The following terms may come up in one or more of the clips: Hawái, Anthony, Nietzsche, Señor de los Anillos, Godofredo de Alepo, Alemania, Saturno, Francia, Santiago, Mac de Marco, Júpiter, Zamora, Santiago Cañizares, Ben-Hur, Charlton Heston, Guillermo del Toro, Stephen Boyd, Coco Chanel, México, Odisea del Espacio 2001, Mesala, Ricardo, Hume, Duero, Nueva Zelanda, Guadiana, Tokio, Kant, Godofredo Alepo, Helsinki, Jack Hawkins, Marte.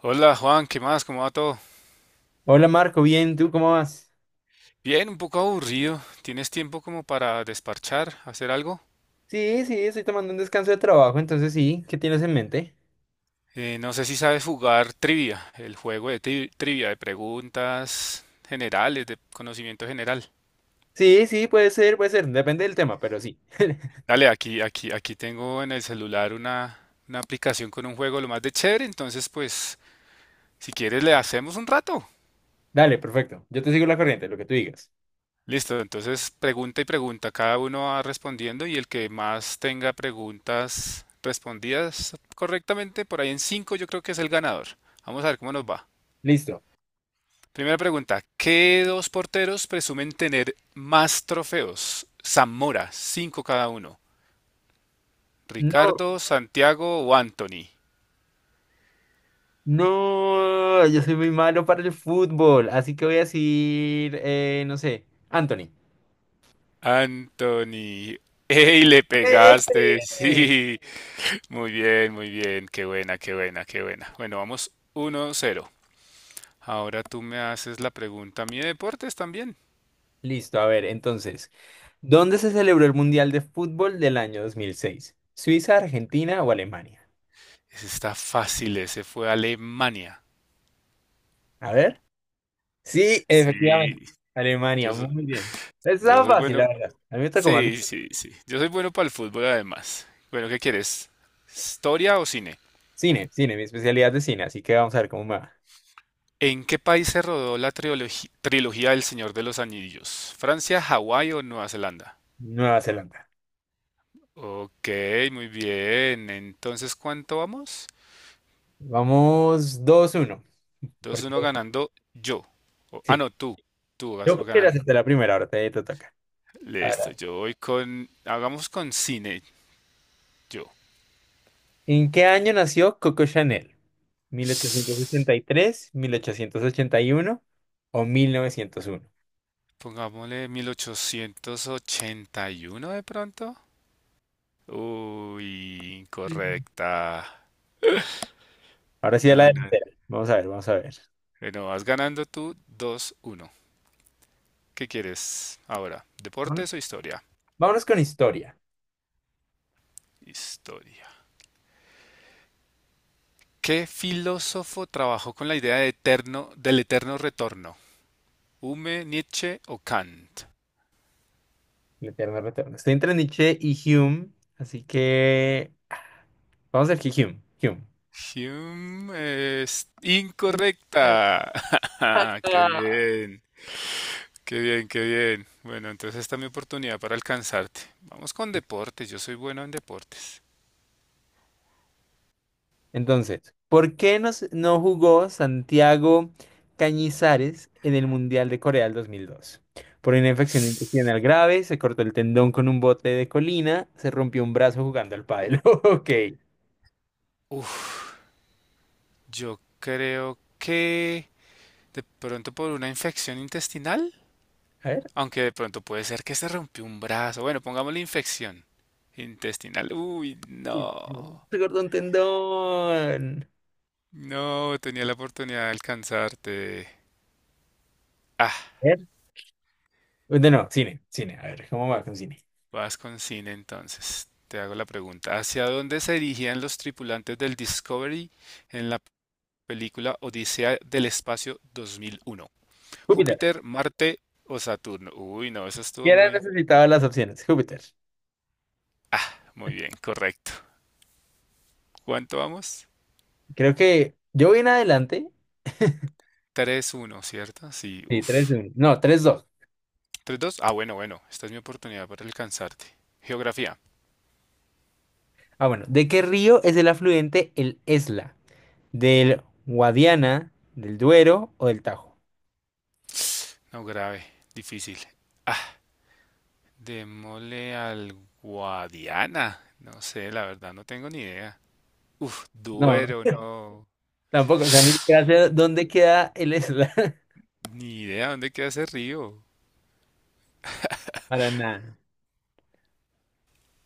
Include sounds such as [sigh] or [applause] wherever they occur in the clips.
Hola Juan, ¿qué más? ¿Cómo va todo? Hola Marco, bien, ¿tú cómo vas? Bien, un poco aburrido. ¿Tienes tiempo como para desparchar, hacer algo? Sí, sí, estoy tomando un descanso de trabajo, entonces sí, ¿qué tienes en mente? No sé si sabes jugar trivia, el juego de trivia, de preguntas generales, de conocimiento general. Sí, sí, puede ser, depende del tema, pero sí. Dale, aquí tengo en el celular una aplicación con un juego lo más de chévere, entonces pues si quieres le hacemos un rato. Dale, perfecto, yo te sigo la corriente, lo que tú digas. Listo, entonces pregunta y pregunta, cada uno va respondiendo y el que más tenga preguntas respondidas correctamente, por ahí en cinco yo creo que es el ganador. Vamos a ver cómo nos va. Listo. Primera pregunta, ¿qué dos porteros presumen tener más trofeos? Zamora, cinco cada uno. No, Ricardo, Santiago o Anthony. no, yo soy muy malo para el fútbol, así que voy a decir, no sé, Anthony. Anthony. ¡Ey, le pegaste! [laughs] ¡Eh! Sí, muy bien, muy bien. Qué buena, qué buena, qué buena. Bueno, vamos 1-0. Ahora tú me haces la pregunta a mí de deportes también. Listo, a ver, entonces, ¿dónde se celebró el Mundial de Fútbol del año 2006? ¿Suiza, Argentina o Alemania? Ese está fácil, ese fue Alemania. A ver. Sí, Sí, efectivamente. yo, Alemania, muy bien. yo Está soy fácil, la bueno. verdad. A mí me gusta como más Sí, sí, sí. Yo soy bueno para el fútbol además. Bueno, ¿qué quieres? ¿Historia o cine? cine, cine, mi especialidad de cine, así que vamos a ver cómo me va. ¿En qué país se rodó la trilogía del Señor de los Anillos? ¿Francia, Hawái o Nueva Zelanda? Nueva Zelanda. Ok, muy bien. Entonces, ¿cuánto vamos? Vamos 2-1. Dos uno Porque ganando yo. Ah, sí. no, tú. Tú Yo vas creo que era ganando. hasta la primera, ahora te toca. Listo, Ahora, yo voy con. Hagamos con cine, yo. ¿en qué año nació Coco Chanel? ¿1883, 1881 o 1901? Pongámosle 1881 de pronto. Uy, Mm. incorrecta. Ahora sí a la No, no. delantera. Vamos a ver, vamos a ver. Bueno, vas ganando tú. Dos uno. ¿Qué quieres ahora? Vámonos, ¿Deportes o historia? vámonos con historia. Historia. ¿Qué filósofo trabajó con la idea de eterno, del eterno retorno? ¿Hume, Nietzsche o Kant? El eterno retorno. Estoy entre Nietzsche y Hume, así que vamos a ver que Hume. Hume. Hume es Eh, incorrecta. [laughs] Qué hasta- bien, qué bien, qué bien. Bueno, entonces esta es mi oportunidad para alcanzarte. Vamos con deportes, yo soy bueno en deportes. Entonces, ¿por qué no, no jugó Santiago Cañizares en el Mundial de Corea del 2002? Por una infección intestinal grave, se cortó el tendón con un bote de colina, se rompió un brazo jugando al pádel. [laughs] Ok. Uf, yo creo que de pronto por una infección intestinal, A ver. aunque de pronto puede ser que se rompió un brazo. Bueno, pongámosle infección intestinal. Uy, no. Se cortó un tendón. No, tenía la oportunidad de alcanzarte. Ah. A ver. No, no, cine, cine. A ver, ¿cómo va con cine? Vas con cine entonces. Te hago la pregunta. ¿Hacia dónde se dirigían los tripulantes del Discovery en la película Odisea del Espacio 2001? ¿Júpiter, Marte o Saturno? Uy, no, eso Ya estuvo era muy... necesitaba las opciones, [laughs] Júpiter. Ah, muy bien, correcto. ¿Cuánto vamos? Creo que yo voy en adelante. Tres uno, ¿cierto? Sí, Sí, tres uff. uno. No, 3-2. Tres dos. Ah, bueno, bueno. Esta es mi oportunidad para alcanzarte. Geografía. Ah, bueno. ¿De qué río es el afluente el Esla? ¿Del Guadiana, del Duero o del Tajo? No grave, difícil. Ah, démosle al Guadiana. No sé, la verdad no tengo ni idea. Uf, No, Duero, no. tampoco. O sea, ni siquiera sé dónde queda el Esla. [laughs] Ni idea dónde queda ese río. Para nada.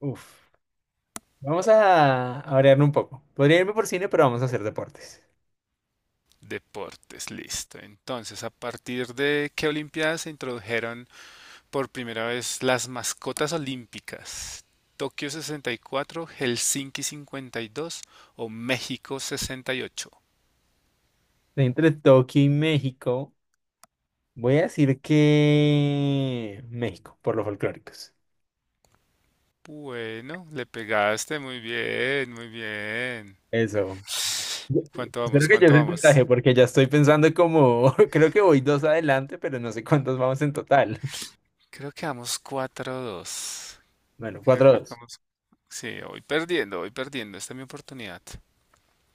Uf. Vamos a variar un poco. Podría irme por cine, pero vamos a hacer deportes. Deportes, listo. Entonces, ¿a partir de qué Olimpiadas se introdujeron por primera vez las mascotas olímpicas? ¿Tokio 64, Helsinki 52 o México 68? Entre Tokio y México, voy a decir que México, por los folclóricos. Bueno, le pegaste muy bien, muy bien. Eso. ¿Cuánto Espero vamos? que yo ¿Cuánto el puntaje vamos? porque ya estoy pensando como, [laughs] creo que voy dos adelante, pero no sé cuántos vamos en total. Creo que vamos cuatro dos. Bueno, Creo cuatro a que dos. vamos sí, voy perdiendo, voy perdiendo. Esta es mi oportunidad.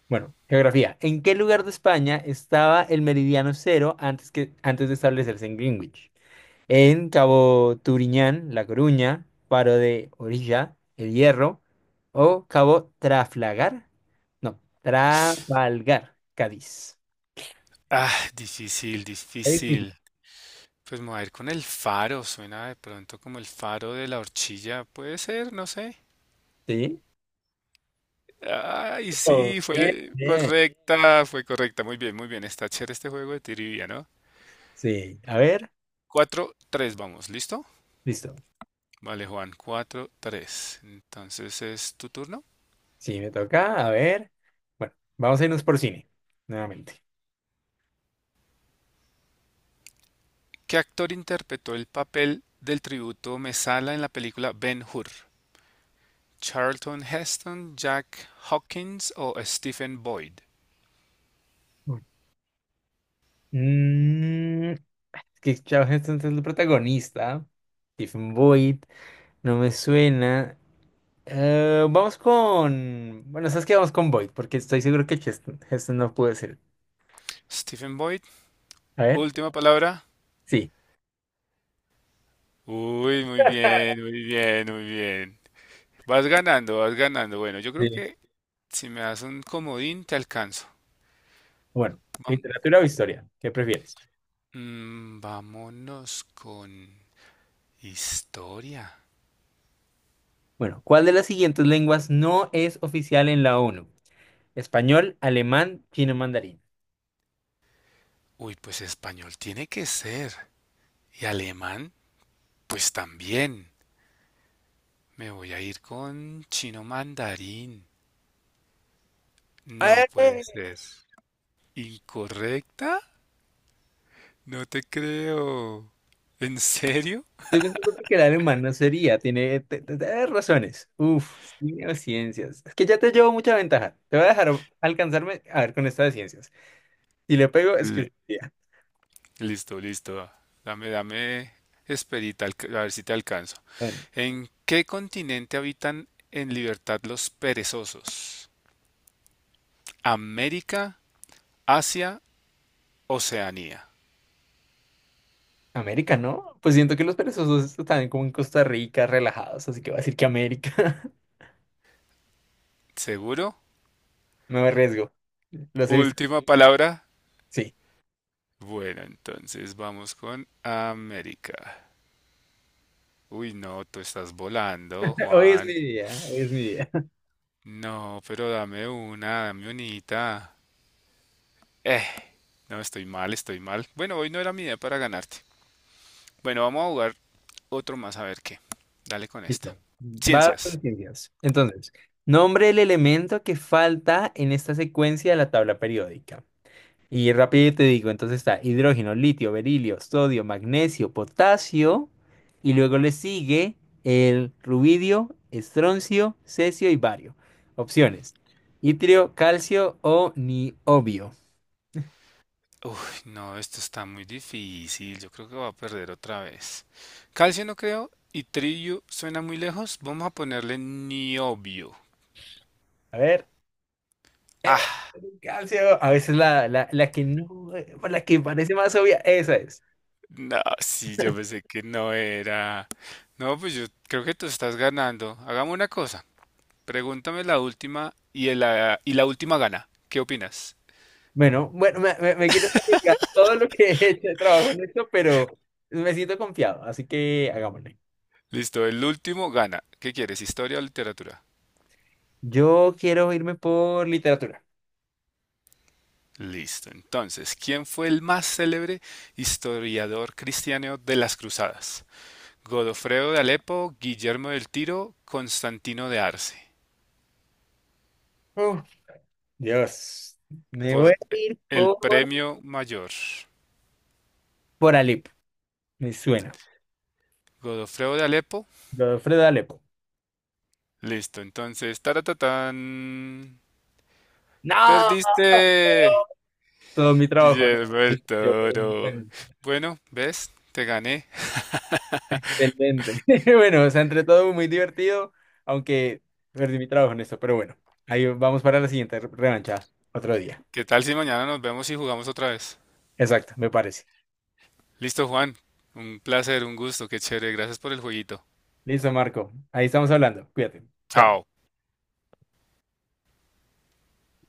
Bueno, geografía. ¿En qué lugar de España estaba el meridiano cero antes de establecerse en Greenwich? ¿En Cabo Turiñán, La Coruña, Faro de Orilla, El Hierro o Cabo Trafalgar? No, Trafalgar, Cádiz. Ah, difícil, Ahí sí. difícil. Pues me voy a ir con el faro. Suena de pronto como el faro de la horchilla. Puede ser, no sé. Sí. Ay, Oh, sí, bien, fue bien. correcta, fue correcta. Muy bien, muy bien. Está chévere este juego de trivia, ¿no? Sí, a ver, Cuatro, tres, vamos, ¿listo? listo. Vale, Juan, cuatro, tres. Entonces es tu turno. Sí, me toca. A ver. Bueno, vamos a irnos por cine, nuevamente. ¿Qué actor interpretó el papel del tributo Mesala en la película Ben-Hur? Charlton Heston, Jack Hawkins o Stephen Boyd. Mm, es que Charlton Heston es el protagonista. Stephen Boyd, no me suena. Vamos con. Bueno, ¿sabes qué? Vamos con Boyd, porque estoy seguro que Heston no puede ser. Stephen Boyd, A ver, última palabra. sí. Uy, muy bien, muy bien, muy bien. Vas ganando, vas ganando. Bueno, yo Sí. creo que si me das un comodín, te alcanzo. Bueno, Vam- literatura o historia, ¿qué prefieres? Vámonos con historia. Bueno, ¿cuál de las siguientes lenguas no es oficial en la ONU? Español, alemán, chino mandarín. Uy, pues español tiene que ser. Y alemán, pues también. Me voy a ir con chino mandarín. No puede ser. ¿Incorrecta? No te creo. ¿En serio? Yo creo que el alemán sería, tiene razones. Uf, sí, o ciencias. Es que ya te llevo mucha ventaja. Te voy a dejar alcanzarme a ver con esta de ciencias. Si le pego, es que Le- sería. Listo, listo. Dame esperita, a ver si te alcanzo. Bueno, ¿En qué continente habitan en libertad los perezosos? ¿América, Asia, Oceanía? América, ¿no? Pues siento que los perezosos están como en Costa Rica, relajados, así que voy a decir que América. [laughs] ¿Seguro? Me arriesgo. Los he visto. Última palabra. Sí. Bueno, entonces vamos con América. Uy, no, tú estás volando, Hoy es mi Juan. día, hoy es mi día. [laughs] No, pero dame una, dame unita. Eh, No, estoy mal, estoy mal. Bueno, hoy no era mi idea para ganarte. Bueno, vamos a jugar otro más a ver qué. Dale con esta. Listo. Va con Ciencias. ciencias. Entonces, nombre el elemento que falta en esta secuencia de la tabla periódica. Y rápido te digo, entonces está hidrógeno, litio, berilio, sodio, magnesio, potasio, y luego le sigue el rubidio, estroncio, cesio y bario. Opciones. Itrio, calcio o niobio. Uy, no, esto está muy difícil. Yo creo que voy a perder otra vez. Calcio no creo y trillo suena muy lejos. Vamos a ponerle niobio. A ver, Ah, calcio, a veces la que no, la que parece más obvia, esa es. no, sí, yo pensé que no era. No, pues yo creo que tú estás ganando. Hagamos una cosa. Pregúntame la última y, la última gana. ¿Qué opinas? Bueno, bueno, me quiero explicar todo lo que [laughs] he hecho de trabajo en esto, pero me siento confiado, así que hagámosle. Listo, el último gana. ¿Qué quieres, historia o literatura? Yo quiero irme por literatura. Listo. Entonces, ¿quién fue el más célebre historiador cristiano de las cruzadas? Godofredo de Alepo, Guillermo del Tiro, Constantino de Arce. Dios, me voy a Por ir el por, premio mayor. por Alepo. Me suena. Godofredo de Alepo. Godofredo Alepo. Listo, entonces, taratatán. No, Perdiste, todo mi trabajo, ¿no? Guillermo del Toro. Bueno, ¿ves? Te gané. Excelente. [laughs] Bueno, o sea, entre todo muy divertido, aunque perdí mi trabajo en esto, pero bueno, ahí vamos para la siguiente revancha, otro día. ¿Qué tal si mañana nos vemos y jugamos otra vez? Exacto, me parece. Listo, Juan. Un placer, un gusto, qué chévere. Gracias por el jueguito. Listo, Marco. Ahí estamos hablando. Cuídate. Chao. Chao.